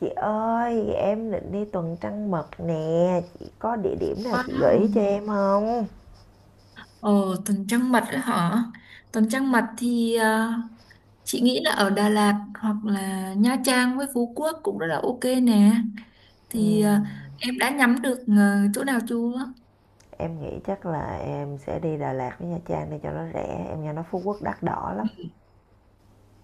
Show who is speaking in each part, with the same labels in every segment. Speaker 1: Chị ơi, em định đi tuần trăng mật nè, chị có địa điểm nào chị gợi ý cho
Speaker 2: Wow.
Speaker 1: em không?
Speaker 2: Ồ, tuần trăng mật ấy hả? Tuần trăng mật thì chị nghĩ là ở Đà Lạt hoặc là Nha Trang với Phú Quốc cũng rất là ok nè. Thì
Speaker 1: Ừm,
Speaker 2: em đã nhắm được chỗ nào chưa?
Speaker 1: em nghĩ chắc là em sẽ đi Đà Lạt với Nha Trang để cho nó rẻ, em nghe nói Phú Quốc đắt đỏ lắm.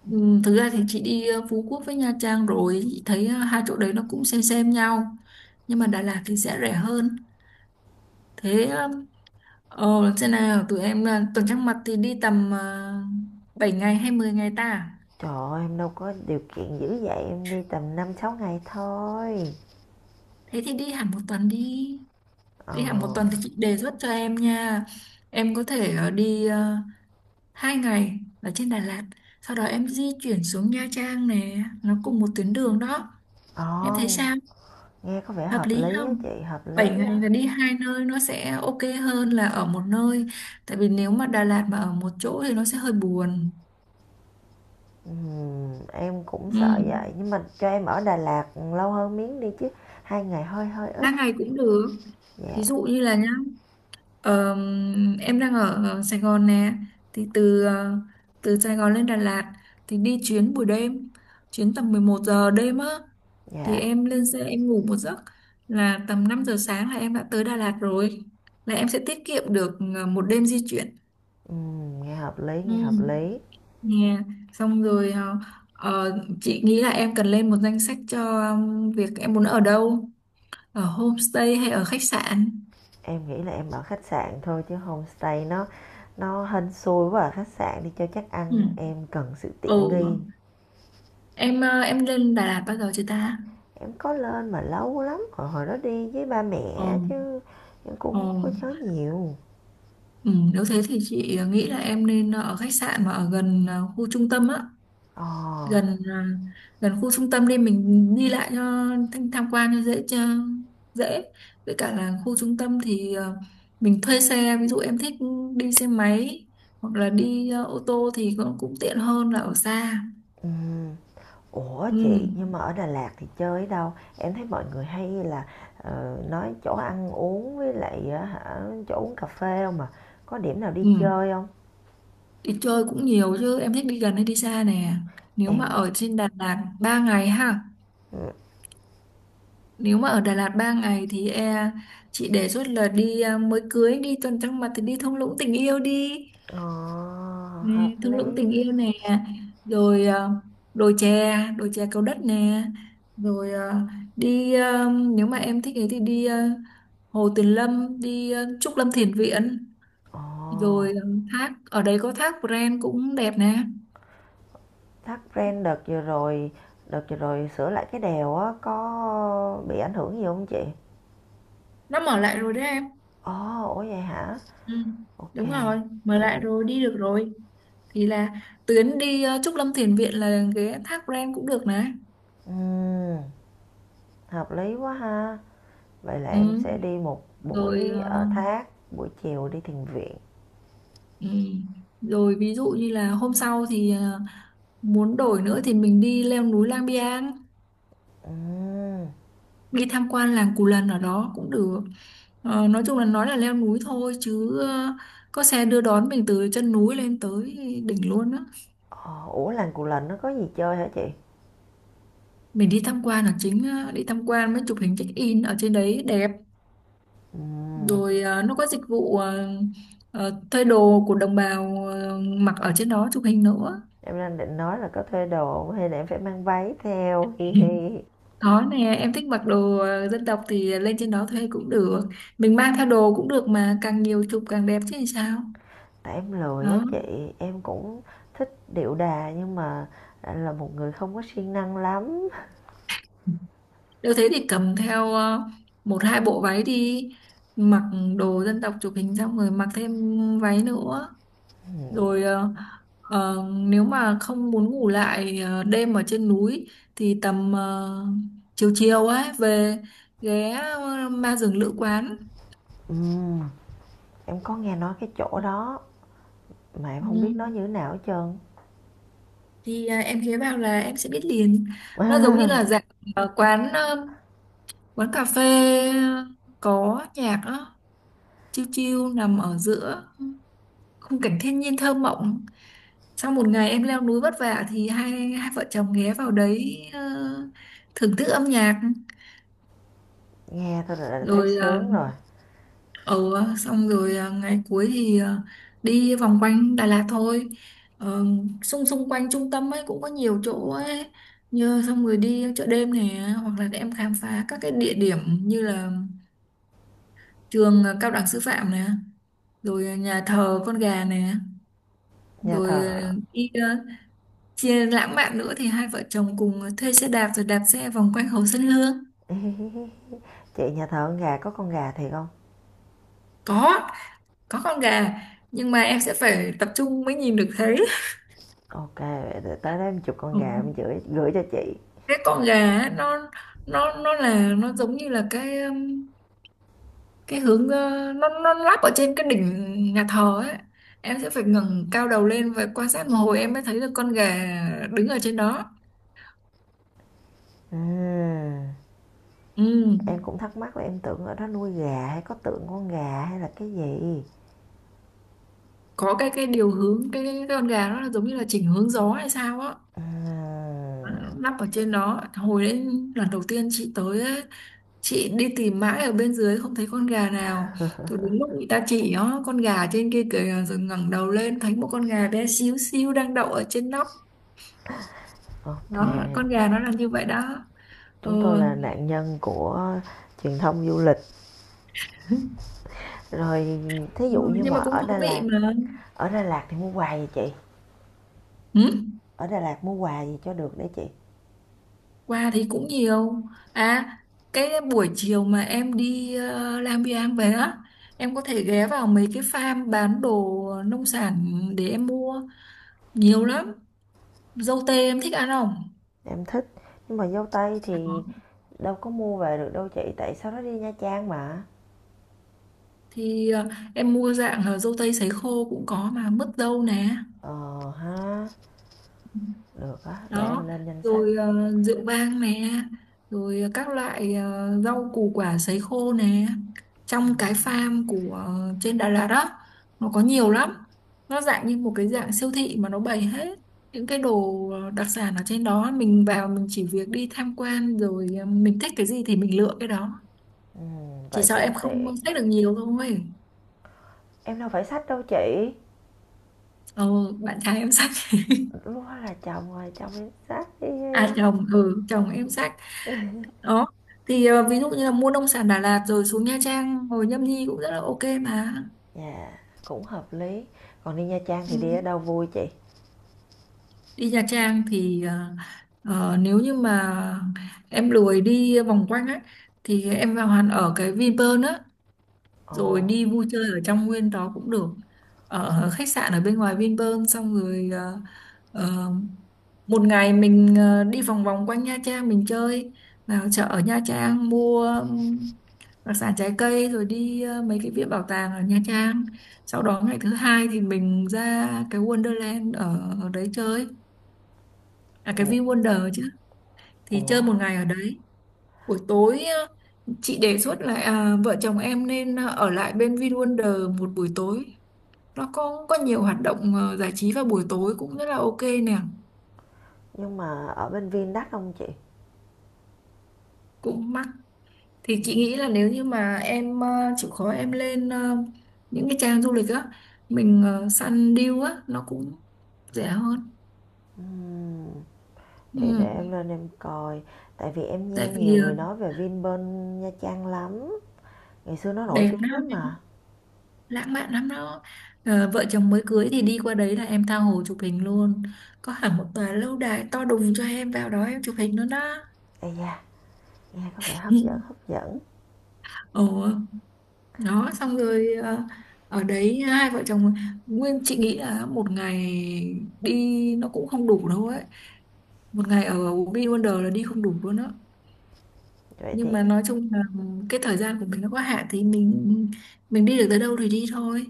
Speaker 2: Ừ, thực ra thì chị đi Phú Quốc với Nha Trang rồi, chị thấy hai chỗ đấy nó cũng xem nhau. Nhưng mà Đà Lạt thì sẽ rẻ hơn. Thế ờ, Thế nào tụi em tuần trăng mật thì đi tầm 7 ngày hay 10 ngày ta?
Speaker 1: Trời ơi, em đâu có điều kiện dữ vậy, em đi tầm 5-6 ngày thôi.
Speaker 2: Thế thì đi hẳn 1 tuần đi.
Speaker 1: Ờ,
Speaker 2: Đi hẹn 1 tuần thì chị đề xuất cho em nha. Em có thể đi 2 ngày ở trên Đà Lạt, sau đó em di chuyển xuống Nha Trang nè, nó cùng một tuyến đường đó. Em thấy
Speaker 1: ồ,
Speaker 2: sao?
Speaker 1: nghe có vẻ
Speaker 2: Hợp
Speaker 1: hợp
Speaker 2: lý
Speaker 1: lý á
Speaker 2: không?
Speaker 1: chị, hợp
Speaker 2: 7
Speaker 1: lý
Speaker 2: ngày
Speaker 1: đó.
Speaker 2: là đi hai nơi nó sẽ ok hơn là ở một nơi. Tại vì nếu mà Đà Lạt mà ở một chỗ thì nó sẽ hơi buồn.
Speaker 1: Em cũng
Speaker 2: Ừ.
Speaker 1: sợ vậy, nhưng mà cho em ở Đà Lạt lâu hơn miếng đi chứ, 2 ngày hơi hơi ít.
Speaker 2: 3 ngày cũng được. Thí
Speaker 1: Dạ,
Speaker 2: dụ như là nhá. Ờ, em đang ở Sài Gòn nè, thì từ Sài Gòn lên Đà Lạt thì đi chuyến buổi đêm, chuyến tầm 11 giờ đêm á, thì
Speaker 1: dạ.
Speaker 2: em lên xe em ngủ một giấc, là tầm 5 giờ sáng là em đã tới Đà Lạt rồi, là em sẽ tiết kiệm được 1 đêm di chuyển.
Speaker 1: Nghe hợp lý, nghe hợp
Speaker 2: Ừ.
Speaker 1: lý.
Speaker 2: Nè, xong rồi, chị nghĩ là em cần lên một danh sách cho việc em muốn ở đâu, ở homestay hay ở khách sạn.
Speaker 1: Em nghĩ là em ở khách sạn thôi chứ homestay nó hên xui quá, ở khách sạn đi cho chắc
Speaker 2: Ừ.
Speaker 1: ăn, em cần sự
Speaker 2: Ồ,
Speaker 1: tiện nghi.
Speaker 2: em em lên Đà Lạt bao giờ chưa ta?
Speaker 1: Em có lên mà lâu lắm, hồi hồi đó đi với ba
Speaker 2: Ờ,
Speaker 1: mẹ chứ em
Speaker 2: ờ.
Speaker 1: cũng không có nhớ nhiều.
Speaker 2: Ừ, nếu thế thì chị nghĩ là em nên ở khách sạn mà ở gần khu trung tâm á,
Speaker 1: Ờ,
Speaker 2: gần à, gần khu trung tâm đi mình đi lại cho tham tham quan cho dễ. Với cả là khu trung tâm thì mình thuê xe, ví dụ em thích đi xe máy hoặc là đi ô tô thì cũng cũng tiện hơn là ở xa.
Speaker 1: ừm. Ủa
Speaker 2: Ừ.
Speaker 1: chị, nhưng mà ở Đà Lạt thì chơi ở đâu? Em thấy mọi người hay là nói chỗ ăn uống với lại hả chỗ uống cà phê không mà. Có điểm nào đi
Speaker 2: Ừ.
Speaker 1: chơi không?
Speaker 2: Đi chơi cũng nhiều chứ, em thích đi gần hay đi xa nè? Nếu mà
Speaker 1: Em,
Speaker 2: ở trên Đà Lạt 3 ngày ha
Speaker 1: ừ.
Speaker 2: Nếu mà ở Đà Lạt 3 ngày thì chị đề xuất là đi, mới cưới đi tuần trăng mật thì đi thung lũng tình yêu đi
Speaker 1: Ờ, hợp
Speaker 2: nè, thung lũng
Speaker 1: lý.
Speaker 2: tình yêu nè, rồi đồi chè Cầu Đất nè, rồi đi à, nếu mà em thích ấy thì đi, Hồ Tuyền Lâm, đi Trúc Lâm Thiền Viện,
Speaker 1: Ồ,
Speaker 2: rồi thác ở đấy có thác Pren cũng đẹp nè,
Speaker 1: thắt ren đợt vừa rồi, sửa lại cái đèo á có bị ảnh hưởng gì không chị?
Speaker 2: nó mở lại rồi đấy em.
Speaker 1: Ồ, ủa vậy hả?
Speaker 2: Ừ,
Speaker 1: OK,
Speaker 2: đúng rồi, mở
Speaker 1: vậy
Speaker 2: lại
Speaker 1: được.
Speaker 2: rồi, đi được rồi. Thì là tuyến đi Trúc Lâm Thiền Viện là ghé Thác Pren cũng được nè.
Speaker 1: Ừm, hợp lý quá ha. Vậy là em
Speaker 2: Ừ.
Speaker 1: sẽ đi một
Speaker 2: Rồi
Speaker 1: buổi ở
Speaker 2: ờ,
Speaker 1: Thác, buổi chiều đi thiền viện.
Speaker 2: ừ. Rồi ví dụ như là hôm sau thì muốn đổi nữa thì mình đi leo núi Lang Biang,
Speaker 1: Ừm,
Speaker 2: đi tham quan làng Cù Lần ở đó cũng được. Nói chung là nói là leo núi thôi chứ có xe đưa đón mình từ chân núi lên tới đỉnh luôn á.
Speaker 1: ờ, ủa làng Cù Lần nó có gì chơi hả chị?
Speaker 2: Mình đi tham quan là chính, đi tham quan mới chụp hình check in ở trên đấy đẹp.
Speaker 1: Ừm,
Speaker 2: Rồi nó có dịch vụ thuê đồ của đồng bào, mặc ở trên đó chụp hình nữa.
Speaker 1: em đang định nói là có thuê đồ hông hay là em phải mang váy theo. Hi hi.
Speaker 2: Có nè, em thích mặc đồ dân tộc thì lên trên đó thuê cũng được. Mình mang theo đồ cũng được mà, càng nhiều chụp càng đẹp chứ làm sao.
Speaker 1: Tại em lười á
Speaker 2: Đó.
Speaker 1: chị, em cũng thích điệu đà nhưng mà là một người không có siêng năng lắm.
Speaker 2: Nếu thế thì cầm theo một hai bộ váy đi, mặc đồ dân tộc chụp hình xong rồi mặc thêm váy nữa. Rồi nếu mà không muốn ngủ lại đêm ở trên núi thì tầm chiều chiều ấy về ghé ma rừng lữ quán.
Speaker 1: Ừm, em có nghe nói cái chỗ đó, mà em không
Speaker 2: Ừ.
Speaker 1: biết nó như thế nào hết trơn.
Speaker 2: Thì em ghé vào là em sẽ biết liền. Nó giống như là dạng ờ, quán ờ, quán cà phê, ờ, có nhạc á, chill chill nằm ở giữa khung cảnh thiên nhiên thơ mộng. Sau một ngày em leo núi vất vả thì hai hai vợ chồng ghé vào đấy thưởng thức âm nhạc.
Speaker 1: Nghe thôi là đã thấy
Speaker 2: Rồi ờ,
Speaker 1: sướng rồi.
Speaker 2: Ừ, xong rồi ngày cuối thì đi vòng quanh Đà Lạt thôi. Ờ, xung xung quanh trung tâm ấy cũng có nhiều chỗ ấy. Như xong rồi đi chợ đêm này, hoặc là em khám phá các cái địa điểm như là trường cao đẳng sư phạm này, rồi nhà thờ con gà này,
Speaker 1: Nhà
Speaker 2: rồi
Speaker 1: thờ
Speaker 2: à, đi à, chia lãng mạn nữa thì hai vợ chồng cùng thuê xe đạp rồi đạp xe vòng quanh Hồ Xuân Hương.
Speaker 1: Chị, nhà thờ con gà có con gà thiệt không?
Speaker 2: Có, có con gà, nhưng mà em sẽ phải tập trung mới nhìn được
Speaker 1: OK, để tới đó em chụp con
Speaker 2: thấy.
Speaker 1: gà em gửi gửi cho chị.
Speaker 2: Cái con gà ấy, nó là, nó giống như là cái, cái hướng nó lắp ở trên cái đỉnh nhà thờ ấy. Em sẽ phải ngẩng cao đầu lên và quan sát một hồi em mới thấy được con gà đứng ở trên đó.
Speaker 1: Ừm,
Speaker 2: Ừ.
Speaker 1: em cũng thắc mắc là em tưởng ở đó nuôi gà hay có tượng con gà hay là cái gì.
Speaker 2: Có cái điều hướng, cái con gà nó là giống như là chỉnh hướng gió hay sao á,
Speaker 1: Ừm,
Speaker 2: lắp ở trên đó. Hồi đấy lần đầu tiên chị tới ấy, chị đi tìm mãi ở bên dưới không thấy con gà nào, thì đến lúc người ta chỉ nó con gà trên kia kìa, rồi ngẩng đầu lên thấy một con gà bé xíu xíu đang đậu ở trên nóc.
Speaker 1: OK,
Speaker 2: Đó, con gà nó là như vậy đó. Ừ.
Speaker 1: chúng tôi là nạn nhân của truyền thông du lịch. Rồi, thí
Speaker 2: Đúng
Speaker 1: dụ
Speaker 2: rồi,
Speaker 1: như
Speaker 2: nhưng
Speaker 1: mà
Speaker 2: mà cũng thú vị mà.
Speaker 1: ở Đà Lạt thì mua quà gì chị?
Speaker 2: Ừ.
Speaker 1: Ở Đà Lạt mua quà gì cho được để chị?
Speaker 2: Quà thì cũng nhiều, à cái buổi chiều mà em đi Lam Biang về á, em có thể ghé vào mấy cái farm bán đồ nông sản để em mua, nhiều lắm. Dâu tây em thích ăn không?
Speaker 1: Em thích, nhưng mà dâu tây thì
Speaker 2: Có.
Speaker 1: đâu có mua về được đâu chị, tại sau đó đi Nha Trang mà.
Speaker 2: Thì em mua dạng là dâu tây sấy khô cũng có, mà mứt dâu nè.
Speaker 1: Ờ ha, được á, để em
Speaker 2: Đó.
Speaker 1: lên danh sách.
Speaker 2: Rồi rượu vang nè, rồi các loại rau củ quả sấy khô nè. Trong cái farm của trên Đà Lạt đó, nó có nhiều lắm, nó dạng như một cái dạng siêu thị mà nó bày hết những cái đồ đặc sản ở trên đó, mình vào mình chỉ việc đi tham quan rồi mình thích cái gì thì mình lựa cái đó.
Speaker 1: Ừ,
Speaker 2: Chỉ
Speaker 1: vậy
Speaker 2: sợ
Speaker 1: cũng
Speaker 2: em không
Speaker 1: tiện.
Speaker 2: xách được nhiều thôi.
Speaker 1: Em đâu phải sách đâu chị.
Speaker 2: Ờ Bạn trai em xách.
Speaker 1: Lúc đó là chồng rồi, chồng đi sách đi.
Speaker 2: À chồng, ừ, chồng em xách. Đó, thì ví dụ như là mua nông sản Đà Lạt rồi xuống Nha Trang, hồi Nhâm Nhi cũng rất là ok mà.
Speaker 1: Dạ, cũng hợp lý. Còn đi Nha Trang thì
Speaker 2: Ừ.
Speaker 1: đi ở đâu vui chị?
Speaker 2: Đi Nha Trang thì nếu như mà em lười đi vòng quanh ấy, thì em vào hẳn ở cái Vinpearl á,
Speaker 1: Ồ.
Speaker 2: rồi đi vui chơi ở trong nguyên đó cũng được. Ở khách sạn ở bên ngoài Vinpearl, xong rồi ờ, một ngày mình đi vòng vòng quanh Nha Trang mình chơi, vào chợ ở Nha Trang mua đặc sản trái cây, rồi đi mấy cái viện bảo tàng ở Nha Trang. Sau đó ngày thứ hai thì mình ra cái Wonderland ở đấy chơi, à cái
Speaker 1: Ủa,
Speaker 2: Vin Wonder chứ, thì
Speaker 1: ủa.
Speaker 2: chơi một ngày ở đấy. Buổi tối chị đề xuất là, vợ chồng em nên ở lại bên Vin Wonder một buổi tối, nó có nhiều hoạt động giải trí vào buổi tối cũng rất là ok nè.
Speaker 1: Nhưng mà ở bên Vin đắt không chị?
Speaker 2: Cũng mắc. Thì chị nghĩ là nếu như mà em chịu khó em lên những cái trang du lịch á, mình săn deal á nó cũng rẻ hơn.
Speaker 1: Ừm, vậy
Speaker 2: Ừ.
Speaker 1: để em lên em coi, tại vì em
Speaker 2: Tại
Speaker 1: nghe nhiều
Speaker 2: vì
Speaker 1: người nói về Vin bên Nha Trang lắm, ngày xưa nó nổi
Speaker 2: đẹp
Speaker 1: tiếng
Speaker 2: lắm
Speaker 1: lắm
Speaker 2: em,
Speaker 1: mà.
Speaker 2: lãng mạn lắm đó. Ờ, vợ chồng mới cưới thì đi qua đấy là em tha hồ chụp hình luôn, có hẳn một tòa lâu đài to đùng cho em vào đó em chụp hình luôn đó.
Speaker 1: Ây da, nghe có vẻ hấp dẫn, hấp dẫn.
Speaker 2: Ồ. Đó, xong rồi ở đấy hai vợ chồng nguyên, chị nghĩ là một ngày đi nó cũng không đủ đâu ấy, một ngày ở Ubi Wonder là đi không đủ luôn á.
Speaker 1: Vậy thì
Speaker 2: Nhưng mà nói chung là cái thời gian của mình nó có hạn, thì mình đi được tới đâu thì đi thôi.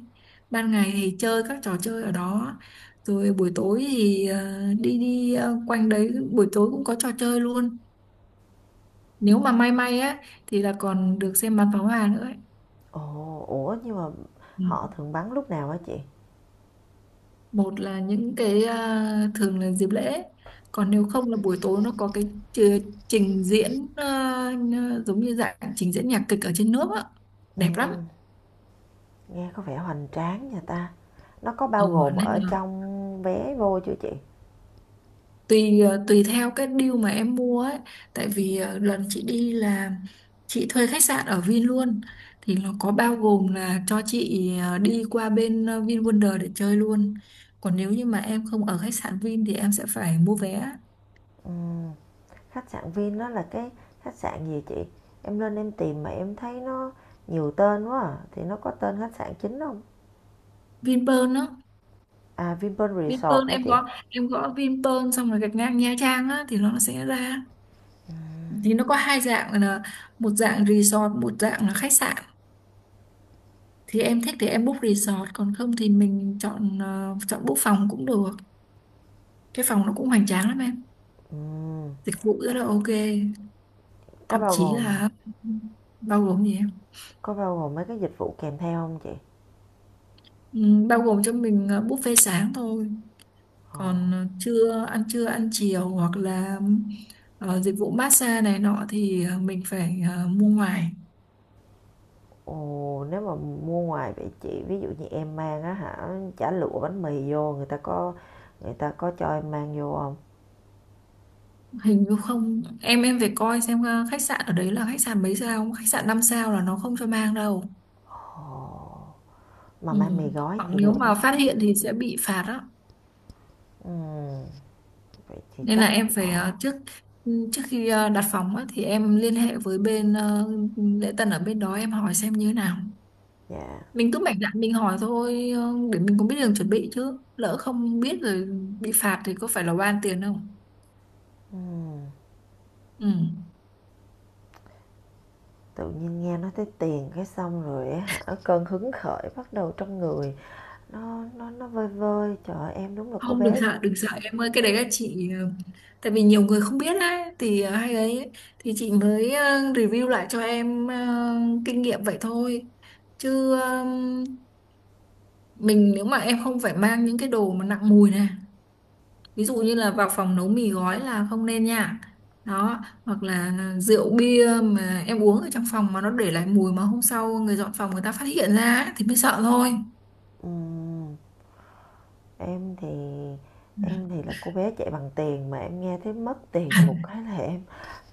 Speaker 2: Ban ngày thì chơi các trò chơi ở đó, rồi buổi tối thì ờ, đi đi ờ, quanh đấy, buổi tối cũng có trò chơi luôn. Nếu mà may may á thì là còn được xem bắn pháo hoa nữa ấy.
Speaker 1: Ồ, ủa nhưng mà
Speaker 2: Ừ.
Speaker 1: họ thường bắn lúc nào hả chị?
Speaker 2: Một là những cái, thường là dịp lễ, còn nếu không là buổi tối nó có cái chi- trình diễn, giống như dạng trình diễn nhạc kịch ở trên nước á, đẹp lắm.
Speaker 1: Ừm, nghe có vẻ hoành tráng nha ta. Nó có bao
Speaker 2: Ừ.
Speaker 1: gồm
Speaker 2: Nên
Speaker 1: ở
Speaker 2: là
Speaker 1: trong vé vô chưa chị?
Speaker 2: tùy, tùy theo cái deal mà em mua ấy. Tại vì lần chị đi là chị thuê khách sạn ở Vin luôn, thì nó có bao gồm là cho chị, đi qua bên Vin Wonder để chơi luôn. Còn nếu như mà em không ở khách sạn Vin thì em sẽ phải mua vé.
Speaker 1: Ừm. Khách sạn Vin đó là cái khách sạn gì chị? Em lên em tìm mà em thấy nó nhiều tên quá à. Thì nó có tên khách sạn chính không?
Speaker 2: Vinpearl á.
Speaker 1: À, Vinpearl Resort
Speaker 2: Vinpearl,
Speaker 1: hả
Speaker 2: em
Speaker 1: chị?
Speaker 2: gõ em gõ Vinpearl xong rồi gạch ngang Nha Trang á thì nó sẽ ra. Thì nó có hai dạng là một dạng resort, một dạng là khách sạn. Thì em thích thì em book resort, còn không thì mình chọn book phòng cũng được. Cái phòng nó cũng hoành tráng lắm em,
Speaker 1: Ừm,
Speaker 2: dịch vụ rất là ok,
Speaker 1: có
Speaker 2: thậm
Speaker 1: bao
Speaker 2: chí
Speaker 1: gồm
Speaker 2: là bao gồm gì em.
Speaker 1: có bao gồm mấy cái dịch vụ kèm theo không chị?
Speaker 2: Bao gồm cho mình buffet sáng thôi,
Speaker 1: Ồ.
Speaker 2: còn trưa ăn, trưa ăn chiều hoặc là dịch vụ massage này nọ thì mình phải mua ngoài.
Speaker 1: Ồ, nếu mà mua ngoài vậy chị, ví dụ như em mang á hả chả lụa bánh mì vô, người ta có cho em mang vô không?
Speaker 2: Hình như không em phải coi xem khách sạn ở đấy là khách sạn mấy sao, khách sạn 5 sao là nó không cho mang đâu.
Speaker 1: Ồ, mà
Speaker 2: Ừ.
Speaker 1: mang mì gói
Speaker 2: Hoặc
Speaker 1: thì
Speaker 2: nếu
Speaker 1: được đúng
Speaker 2: mà
Speaker 1: không
Speaker 2: phát
Speaker 1: chị?
Speaker 2: hiện thì sẽ bị phạt á.
Speaker 1: Ừm, vậy thì
Speaker 2: Nên là
Speaker 1: chắc
Speaker 2: em phải
Speaker 1: bỏ.
Speaker 2: trước, trước khi đặt phòng á, thì em liên hệ với bên lễ tân ở bên đó em hỏi xem như thế nào.
Speaker 1: Dạ.
Speaker 2: Mình cứ mạnh dạn mình hỏi thôi, để mình cũng biết đường chuẩn bị, chứ lỡ không biết rồi bị phạt thì có phải là oan tiền không.
Speaker 1: Ừm.
Speaker 2: Ừ.
Speaker 1: Tự nhiên nghe nói tới tiền cái xong rồi á hả, cơn hứng khởi bắt đầu trong người nó vơi vơi, trời ơi, em đúng là cô
Speaker 2: Không, đừng
Speaker 1: bé.
Speaker 2: sợ đừng sợ em ơi, cái đấy là chị, tại vì nhiều người không biết á thì hay ấy ấy, thì chị mới review lại cho em kinh nghiệm vậy thôi, chứ mình, nếu mà em không phải mang những cái đồ mà nặng mùi này, ví dụ như là vào phòng nấu mì gói là không nên nha. Đó, hoặc là rượu bia mà em uống ở trong phòng mà nó để lại mùi, mà hôm sau người dọn phòng người ta phát hiện ra á, thì mới sợ thôi.
Speaker 1: Ừm, em thì em thì là cô bé chạy bằng tiền, mà em nghe thấy mất tiền một cái là em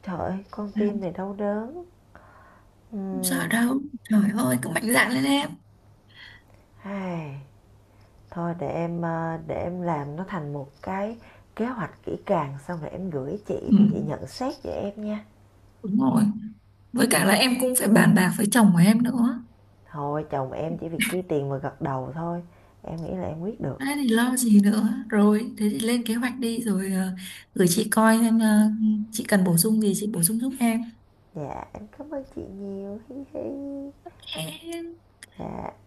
Speaker 1: trời ơi, con tim này đau đớn. Ừ.
Speaker 2: Không sợ đâu, trời ơi, cứ mạnh dạn lên em.
Speaker 1: Ai, thôi để em làm nó thành một cái kế hoạch kỹ càng, xong rồi em gửi chị rồi chị
Speaker 2: Ừ,
Speaker 1: nhận xét cho em nha.
Speaker 2: đúng rồi, với cả là em cũng phải bàn bạc với chồng của em nữa.
Speaker 1: Thôi chồng em chỉ việc chi tiền và gật đầu thôi, em nghĩ là em quyết được.
Speaker 2: Thế thì lo gì nữa, rồi thế thì lên kế hoạch đi, rồi gửi chị coi xem chị cần bổ sung gì chị bổ sung giúp
Speaker 1: Dạ, em cảm ơn chị nhiều. Hi hi.
Speaker 2: em.
Speaker 1: Dạ.